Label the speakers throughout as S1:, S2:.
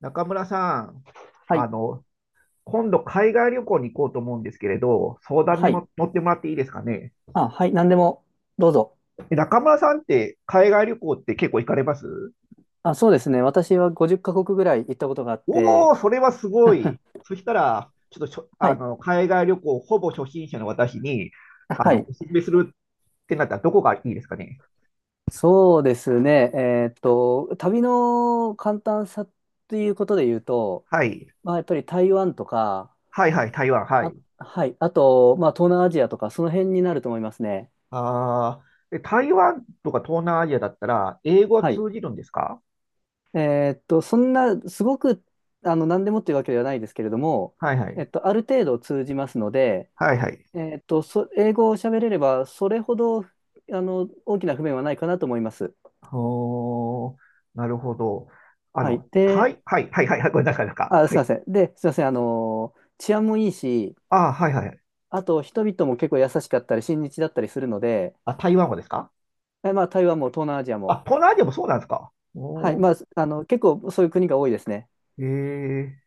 S1: 中村さん、
S2: は
S1: あ
S2: い。
S1: の、今度海外旅行に行こうと思うんですけれど、相談に
S2: はい。
S1: も乗ってもらっていいですかね。
S2: あ、はい。何でも、どうぞ。
S1: 中村さんって海外旅行って結構行かれます？
S2: あ、そうですね。私は50カ国ぐらい行ったことがあっ
S1: おお
S2: て、
S1: ー、それはすごい。そしたら、ちょっとしょ、
S2: は
S1: あ
S2: い。
S1: の、海外旅行ほぼ初心者の私に、
S2: はい。
S1: おすすめするってなったらどこがいいですかね。
S2: そうですね。旅の簡単さということで言うと、
S1: はい。
S2: やっぱり台湾とか、
S1: はいはい、台湾、は
S2: あ、
S1: い。
S2: はい。あと、東南アジアとか、その辺になると思いますね。
S1: ああ、で台湾とか東南アジアだったら、英語は
S2: はい。
S1: 通じるんですか？
S2: そんな、すごく、何でもっていうわけではないですけれども、
S1: はいはい。
S2: ある程度通じますので、
S1: はいはい。
S2: 英語を喋れれば、それほど、大きな不便はないかなと思います。
S1: おー、なるほど。
S2: はい。で、
S1: はい、はい、はい、はい、これなかなか。
S2: あ、す
S1: は
S2: いま
S1: い。
S2: せん。で、すいません。治安もいいし、
S1: あー、はい、はい。
S2: あと、人々も結構優しかったり、親日だったりするので、
S1: あ、台湾語ですか？
S2: え、まあ、台湾も東南アジア
S1: あ、
S2: も、
S1: 東南アジアもそうなんですか？
S2: はい。
S1: おー、
S2: 結構そういう国が多いですね。
S1: えー、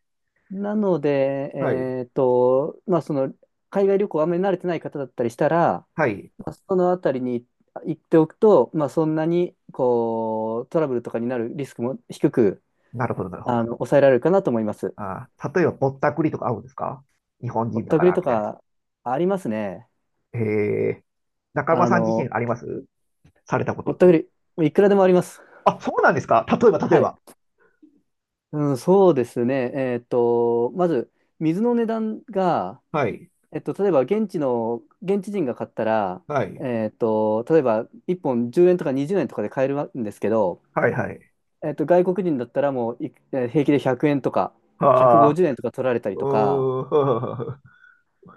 S2: なので、
S1: はい、
S2: 海外旅行あんまり慣れてない方だったりしたら、
S1: はい。
S2: そのあたりに行っておくと、そんなに、こう、トラブルとかになるリスクも低く、
S1: なるほど、なるほど。
S2: 抑えられるかなと思います。
S1: あー、例えばぼったくりとか合うんですか？日本
S2: ぼ
S1: 人
S2: っ
S1: だ
S2: た
S1: か
S2: くり
S1: ら、
S2: と
S1: みたいな。
S2: かありますね。
S1: えー、中村
S2: あ
S1: さん自
S2: の、
S1: 身あります？されたこと
S2: ぼっ
S1: っ
S2: たく
S1: て。
S2: り、いくらでもあります。
S1: あ、そうなんですか？例えば、例え
S2: はい。
S1: ば。
S2: うん、そうですね。まず、水の値段が、
S1: はい、
S2: 例えば現地人が買ったら、
S1: はい、
S2: 例えば1本10円とか20円とかで買えるんですけど、
S1: はい、はい。
S2: 外国人だったらもうい、えー平気で100円とか、
S1: あ
S2: 150円とか取られたり
S1: ー、
S2: とか、
S1: うーん、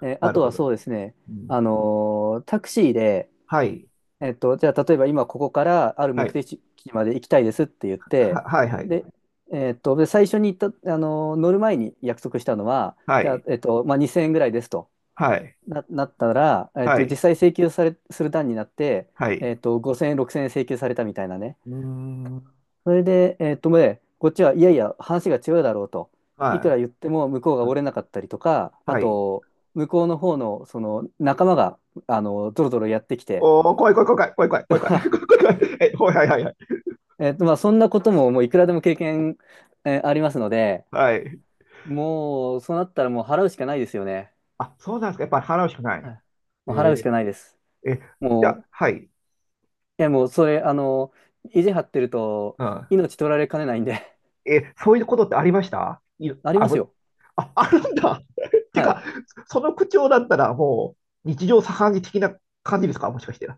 S2: あ
S1: なる
S2: と
S1: ほ
S2: は
S1: ど。
S2: そうですね、
S1: うん、
S2: タクシーで、
S1: はい、
S2: じゃあ、例えば今ここからある
S1: は
S2: 目
S1: い、
S2: 的地まで行きたいですって言って、
S1: はい、はい。
S2: で、で最初に行った、乗る前に約束したのは、
S1: は
S2: じゃあ、
S1: い、
S2: 2000円ぐらいですと
S1: はい、
S2: なったら、
S1: は
S2: 実
S1: い、
S2: 際請求され、する段になって、
S1: はい、
S2: 5000円、6000円請求されたみたいなね。
S1: うーん。
S2: それで、ね、こっちはいやいや、話が違うだろうと。い
S1: は
S2: くら言っ
S1: い、
S2: ても向こうが折れなかったりとか、あ
S1: はい。
S2: と、向こうの方の、その仲間が、ドロドロやってきて。
S1: おー、怖い、怖い、怖い、怖い、怖い、怖い、怖い、怖 い、怖い、怖い、はい、はい、はい、はい。
S2: そんなことも、もういくらでも経験、ありますので、
S1: はい、
S2: もう、そうなったらもう払うしかないですよね。
S1: あ、そうなんですか。やっぱり払うしかな
S2: は
S1: い。
S2: い。もう払うし
S1: え
S2: かないです。
S1: ー、え、じゃあ、
S2: も
S1: はい、
S2: う、いや、もう、それ、意地張ってると、
S1: うん。
S2: 命取られかねないんで。
S1: そういうことってありました？い、
S2: あり
S1: あ、
S2: ます
S1: ぶ、
S2: よ。
S1: あ、あるんだ。っていう
S2: は
S1: か、
S2: い。
S1: その口調だったら、もう、日常茶飯事的な感じですか？もしかして。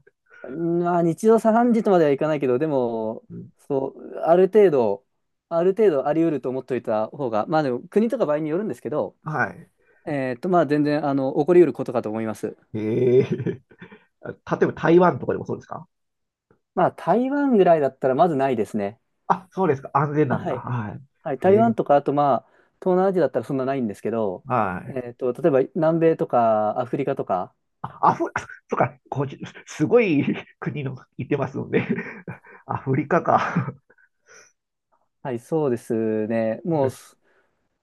S2: 日常茶飯事とまではいかないけど、でも、
S1: うん、
S2: そう、ある程度、ある程度あり得ると思っておいた方が、まあ、でも、国とか場合によるんですけど、
S1: はい。
S2: 全然、起こり得ることかと思います。
S1: えー、例えば台湾とかでもそうですか？
S2: 台湾ぐらいだったら、まずないですね。
S1: あ、そうですか。安全
S2: あ、
S1: なん
S2: は
S1: だ。
S2: い。
S1: はい。
S2: はい、台湾
S1: え
S2: とか、あとまあ、東南アジアだったらそんなないんですけど、
S1: はい。
S2: 例えば南米とかアフリカとか、
S1: あ、あそっか、すごい 国の言ってますので アフリカか
S2: はい、そうですね。もう、す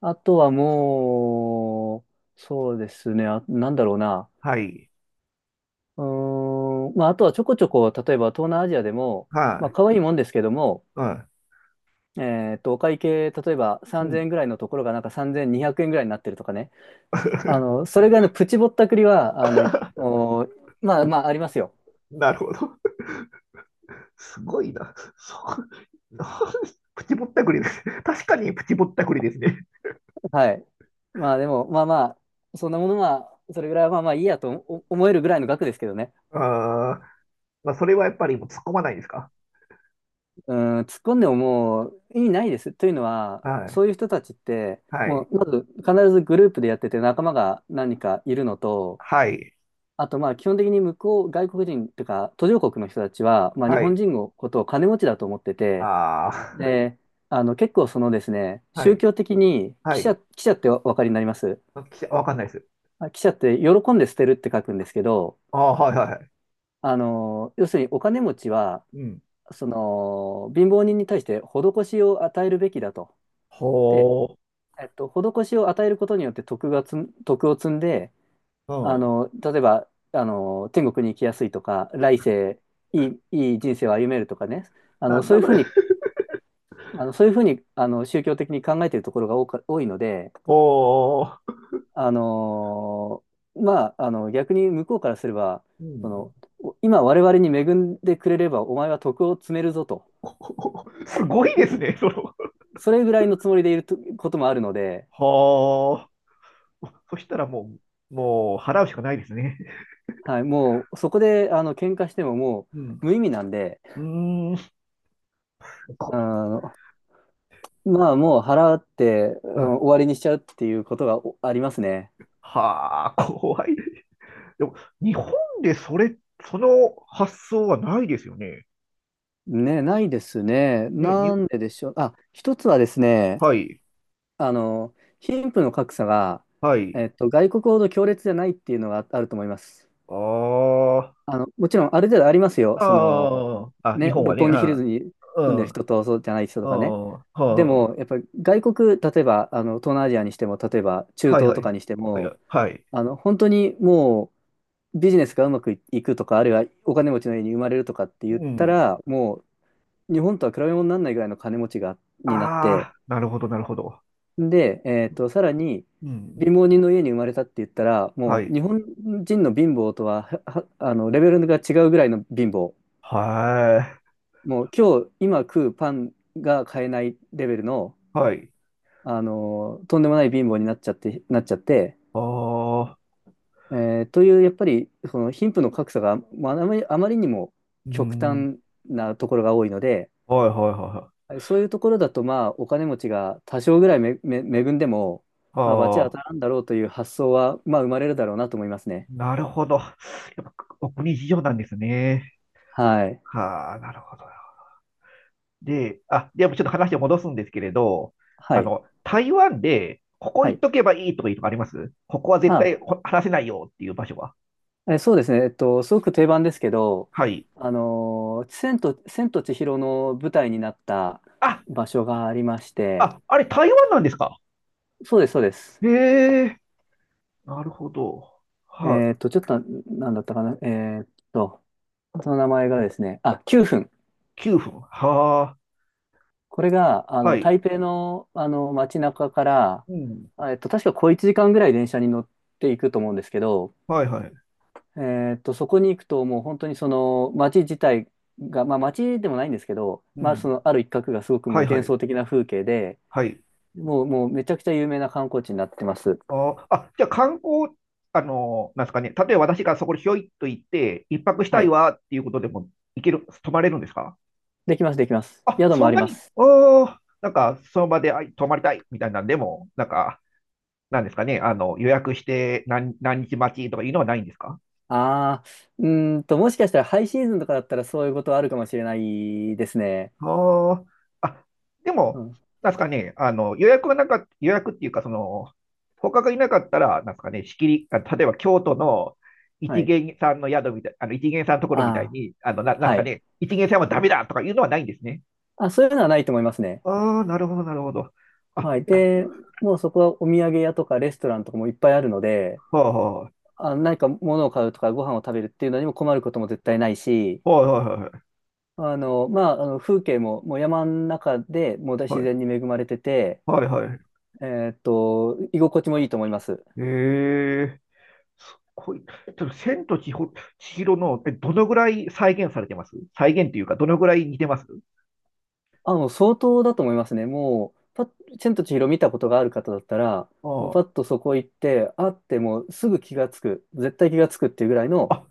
S2: あとはもう、そうですね。あ、なんだろうな。
S1: はい。
S2: あとはちょこちょこ、例えば東南アジアでも、
S1: はい。
S2: 可愛いもんですけども、
S1: は
S2: お会計、例えば
S1: い。う
S2: 3000
S1: ん。
S2: 円ぐらいのところがなんか3200円ぐらいになってるとかね。それぐらいのプチぼったくりは、まあまあ、ありますよ。
S1: なるほど。すごいな。そう。プチぼったくりです。確かにプチぼったくりですね。
S2: はい。まあでも、まあまあ、そんなものは、それぐらいはまあまあいいやと思えるぐらいの額ですけどね。
S1: あー、まあ、それはやっぱりもう突っ込まないですか？
S2: うん、突っ込んでももう意味ないです。というのは、
S1: はい。
S2: そういう人たちって、
S1: は
S2: も
S1: い。
S2: うまず必ずグループでやってて仲間が何人かいるのと、
S1: はい。
S2: あと基本的に向こう、外国人というか途上国の人たちは、日
S1: は
S2: 本
S1: い。
S2: 人のことを金持ちだと思ってて、
S1: ああ、
S2: で、結構そのですね、
S1: は
S2: 宗
S1: い。
S2: 教的に、
S1: は
S2: 記者、
S1: い。
S2: 記者ってお分かりになります？
S1: あ、きわかんないです。
S2: 記者って喜んで捨てるって書くんですけど、
S1: ああ、はいはいはい。
S2: 要するにお金持ちは、
S1: うん。
S2: その、貧乏人に対して施しを与えるべきだと。
S1: ほ
S2: で、施しを与えることによって徳を積んで、
S1: う。うん。
S2: 例えば、天国に行きやすいとか、来世、いい人生を歩めるとかね、
S1: なん
S2: そう
S1: だ
S2: いう
S1: そ
S2: ふう
S1: れ。
S2: に、宗教的に考えているところが多いので、
S1: おー。
S2: あの、逆に向こうからすれば、
S1: う
S2: そ
S1: ん。
S2: の、今我々に恵んでくれればお前は徳を積めるぞと。
S1: すごい
S2: ぐ
S1: ですね、その。
S2: それぐらいのつもりでいるとこともあるので、
S1: はあ。そしたらもう、もう払うしかないですね。
S2: はい、もうそこで喧嘩してもも
S1: う
S2: う
S1: ん。
S2: 無意味なんで、
S1: うーん。
S2: あ
S1: こい
S2: のもう払って、う
S1: は
S2: ん
S1: い。
S2: 終わりにしちゃうっていうことがありますね。
S1: はあ、怖い。でも、日本でそれ、その発想はないですよね。
S2: ね、ないですね。
S1: ね、
S2: なんででしょう。あ、一つはですね、
S1: はい、
S2: あの、貧富の格差が、
S1: はい。
S2: 外国ほど強烈じゃないっていうのがああると思います。
S1: あ
S2: もちろんある程度ありますよ。
S1: あ、
S2: その、
S1: ああ、あ、日
S2: ね、
S1: 本は
S2: 六
S1: ね、
S2: 本木ヒ
S1: あ
S2: ル
S1: あ、
S2: ズに住んでる
S1: う
S2: 人とそうじゃない人
S1: ん、う
S2: とかね。
S1: ん、は
S2: で
S1: あ、
S2: も、やっぱり外国、例えば、東南アジアにしても、例えば中
S1: はい、
S2: 東
S1: は
S2: とか
S1: い、
S2: にして
S1: は
S2: も、
S1: い、はい。
S2: 本当にもうビジネスがうまくいくとか、あるいはお金持ちの家に生まれるとかって言っ
S1: う
S2: た
S1: ん。
S2: ら、もう日本とは比べ物にならないぐらいの金持ちが、になって、
S1: ああ、なるほど、なるほど。
S2: で、さらに、
S1: うん。
S2: 貧乏人の家に生まれたって言ったら、
S1: は
S2: もう
S1: い。
S2: 日本人の貧乏とは、レベルが違うぐらいの貧乏。
S1: はい。
S2: もう今食うパンが買えないレベルの、
S1: はい。
S2: とんでもない貧乏になっちゃって、
S1: ああ、
S2: えという、やっぱり、その貧富の格差が、まあ、あまり、あまりにも
S1: う
S2: 極
S1: ん。
S2: 端なところが多いので、
S1: はいはいはいはい。
S2: そういうところだと、お金持ちが多少ぐらい恵んでも、罰は
S1: あ
S2: 当
S1: あ、
S2: たらんだろうという発想は、生まれるだろうなと思いますね。
S1: なるほど。やっぱお国事情なんですね。
S2: はい。
S1: はあ、なるほど。で、あ、でもちょっと話を戻すんですけれど、
S2: はい。
S1: 台湾で、ここ
S2: は
S1: 行っ
S2: い。
S1: とけばいいとかいうとかあります？ここは絶
S2: あ
S1: 対話せないよっていう場所は。
S2: そうですね。すごく定番ですけど、
S1: はい。
S2: 千と千尋の舞台になった
S1: あ、
S2: 場所がありまして、
S1: あ、あれ台湾なんですか？
S2: そうです、そうです。
S1: へえ、なるほど。はい、
S2: ちょっとなんだったかな。その名前がですね、あ、9分。
S1: 9分。は
S2: これが、
S1: あ、はい。
S2: 台北の、街中から、
S1: うん。
S2: 確か小1時間ぐらい電車に乗っていくと思うんですけど、
S1: はいはい。
S2: そこに行くともう本当にその街自体が、まあ街でもないんですけど、
S1: う
S2: まあそ
S1: ん。
S2: のある一角がすごくも
S1: は
S2: う
S1: いは
S2: 幻
S1: い。
S2: 想的な風景で、
S1: はい。
S2: もうめちゃくちゃ有名な観光地になってます。
S1: ああ、じゃあ観光、なんですかね。例えば私がそこにひょいっと行って、一泊した
S2: は
S1: い
S2: い。
S1: わっていうことでも行ける、泊まれるんですか？
S2: できます、できます。
S1: あ、
S2: 宿も
S1: そ
S2: あ
S1: ん
S2: り
S1: な
S2: ま
S1: に、
S2: す。
S1: おあ、なんかその場で泊まりたいみたいなんでも、なんか、なんですかね。予約して何、何日待ちとかいうのはないんですか？
S2: ああ、もしかしたらハイシーズンとかだったらそういうことはあるかもしれないですね。
S1: ああ、あ、で
S2: う
S1: も、
S2: ん。
S1: なんすかね、予約っていうか、その、他がいなかったら、なんすかね、仕切り、あ、例えば京都の
S2: は
S1: 一
S2: い。
S1: 元さんの宿みたい、一元さんのとこ
S2: あ
S1: ろみたい
S2: あ、
S1: に、なんす
S2: は
S1: か
S2: い。
S1: ね、一元さんはダメだとかいうのはないんですね。
S2: あ、そういうのはないと思いますね。
S1: ああ、なるほど、なるほど。あ、
S2: はい。で、もうそこはお土産屋とかレストランとかもいっぱいあるので、
S1: はあ、は
S2: 何か物を買うとかご飯を食べるっていうのにも困ることも絶対ないし、
S1: いはいはい
S2: あの風景も、もう山の中でもう
S1: は
S2: 自
S1: い、
S2: 然に恵まれてて、
S1: はいはいはい。
S2: え居心地もいいと思います。
S1: ええ、すごい。ちょっと、千尋の、どのぐらい再現されてます？再現っていうか、どのぐらい似てます？
S2: あ、もう相当だと思いますね。もう、パッ、千と千尋見たことがある方だったら、もうパ
S1: あ
S2: ッとそこ行って、あってもうすぐ気がつく、絶対気がつくっていうぐらいの。
S1: あ。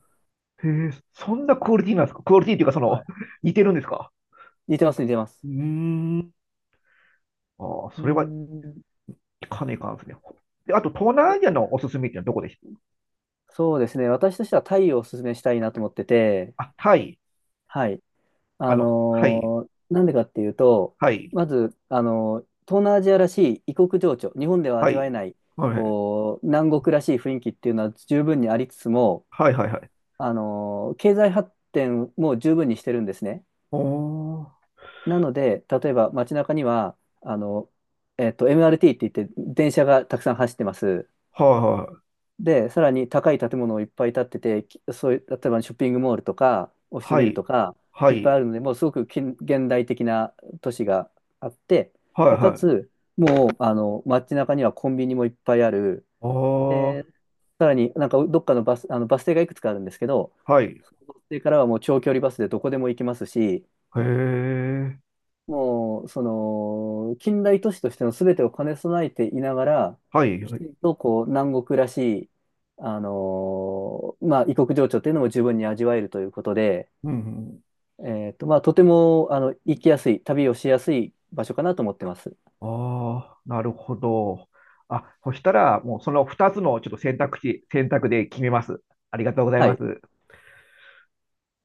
S1: へえ、そんなクオリティなんですか？クオリティっていうか、そ
S2: はい、
S1: の、似てるんですか？
S2: 似てます、似てます。
S1: うーん。ああ、
S2: うー
S1: それは
S2: ん、
S1: かねかんですね。で、あと、東南
S2: で
S1: アジアのおすすめってのはどこです？
S2: そうですね。私としてはタイをおすすめしたいなと思ってて、
S1: あ、タイ。
S2: はい。
S1: はい、
S2: なんでかっていうと、
S1: はい、
S2: まず、東南アジアらしい異国情緒、日本では
S1: は
S2: 味わえ
S1: い、
S2: ない、
S1: はい、
S2: こう、南国らしい雰囲気っていうのは十分にありつつも、
S1: はい、はい、はい。
S2: 経済発展も十分にしてるんですね。
S1: おー、
S2: なので、例えば街中には、あの、MRT って言って電車がたくさん走ってます。
S1: はい、
S2: で、さらに高い建物をいっぱい建ってて、そういう、例えばショッピングモールとか、オフィス
S1: は
S2: ビル
S1: い、
S2: とか、
S1: は
S2: いっぱい
S1: い、
S2: あるので、もうすごく近現代的な都市があって、
S1: はい、は
S2: で、
S1: い、
S2: か
S1: はい。
S2: つ、もう、街中にはコンビニもいっぱいある。
S1: おー、
S2: で、さらになんかどっかのバス停がいくつかあるんですけど、
S1: はい、
S2: そのバス停からはもう長距離バスでどこでも行きますし、
S1: へえ、
S2: もう、その、近代都市としての全てを兼ね備えていながら、
S1: はい、
S2: き
S1: はい。
S2: ちんとこう、南国らしい、異国情緒というのも十分に味わえるということで、
S1: うん、うん、
S2: とても、行きやすい、旅をしやすい場所かなと思ってます。
S1: ああ、なるほど。あ、そしたら、もうその2つのちょっと選択肢、選択で決めます。ありがとうござい
S2: は
S1: ま
S2: い。
S1: す。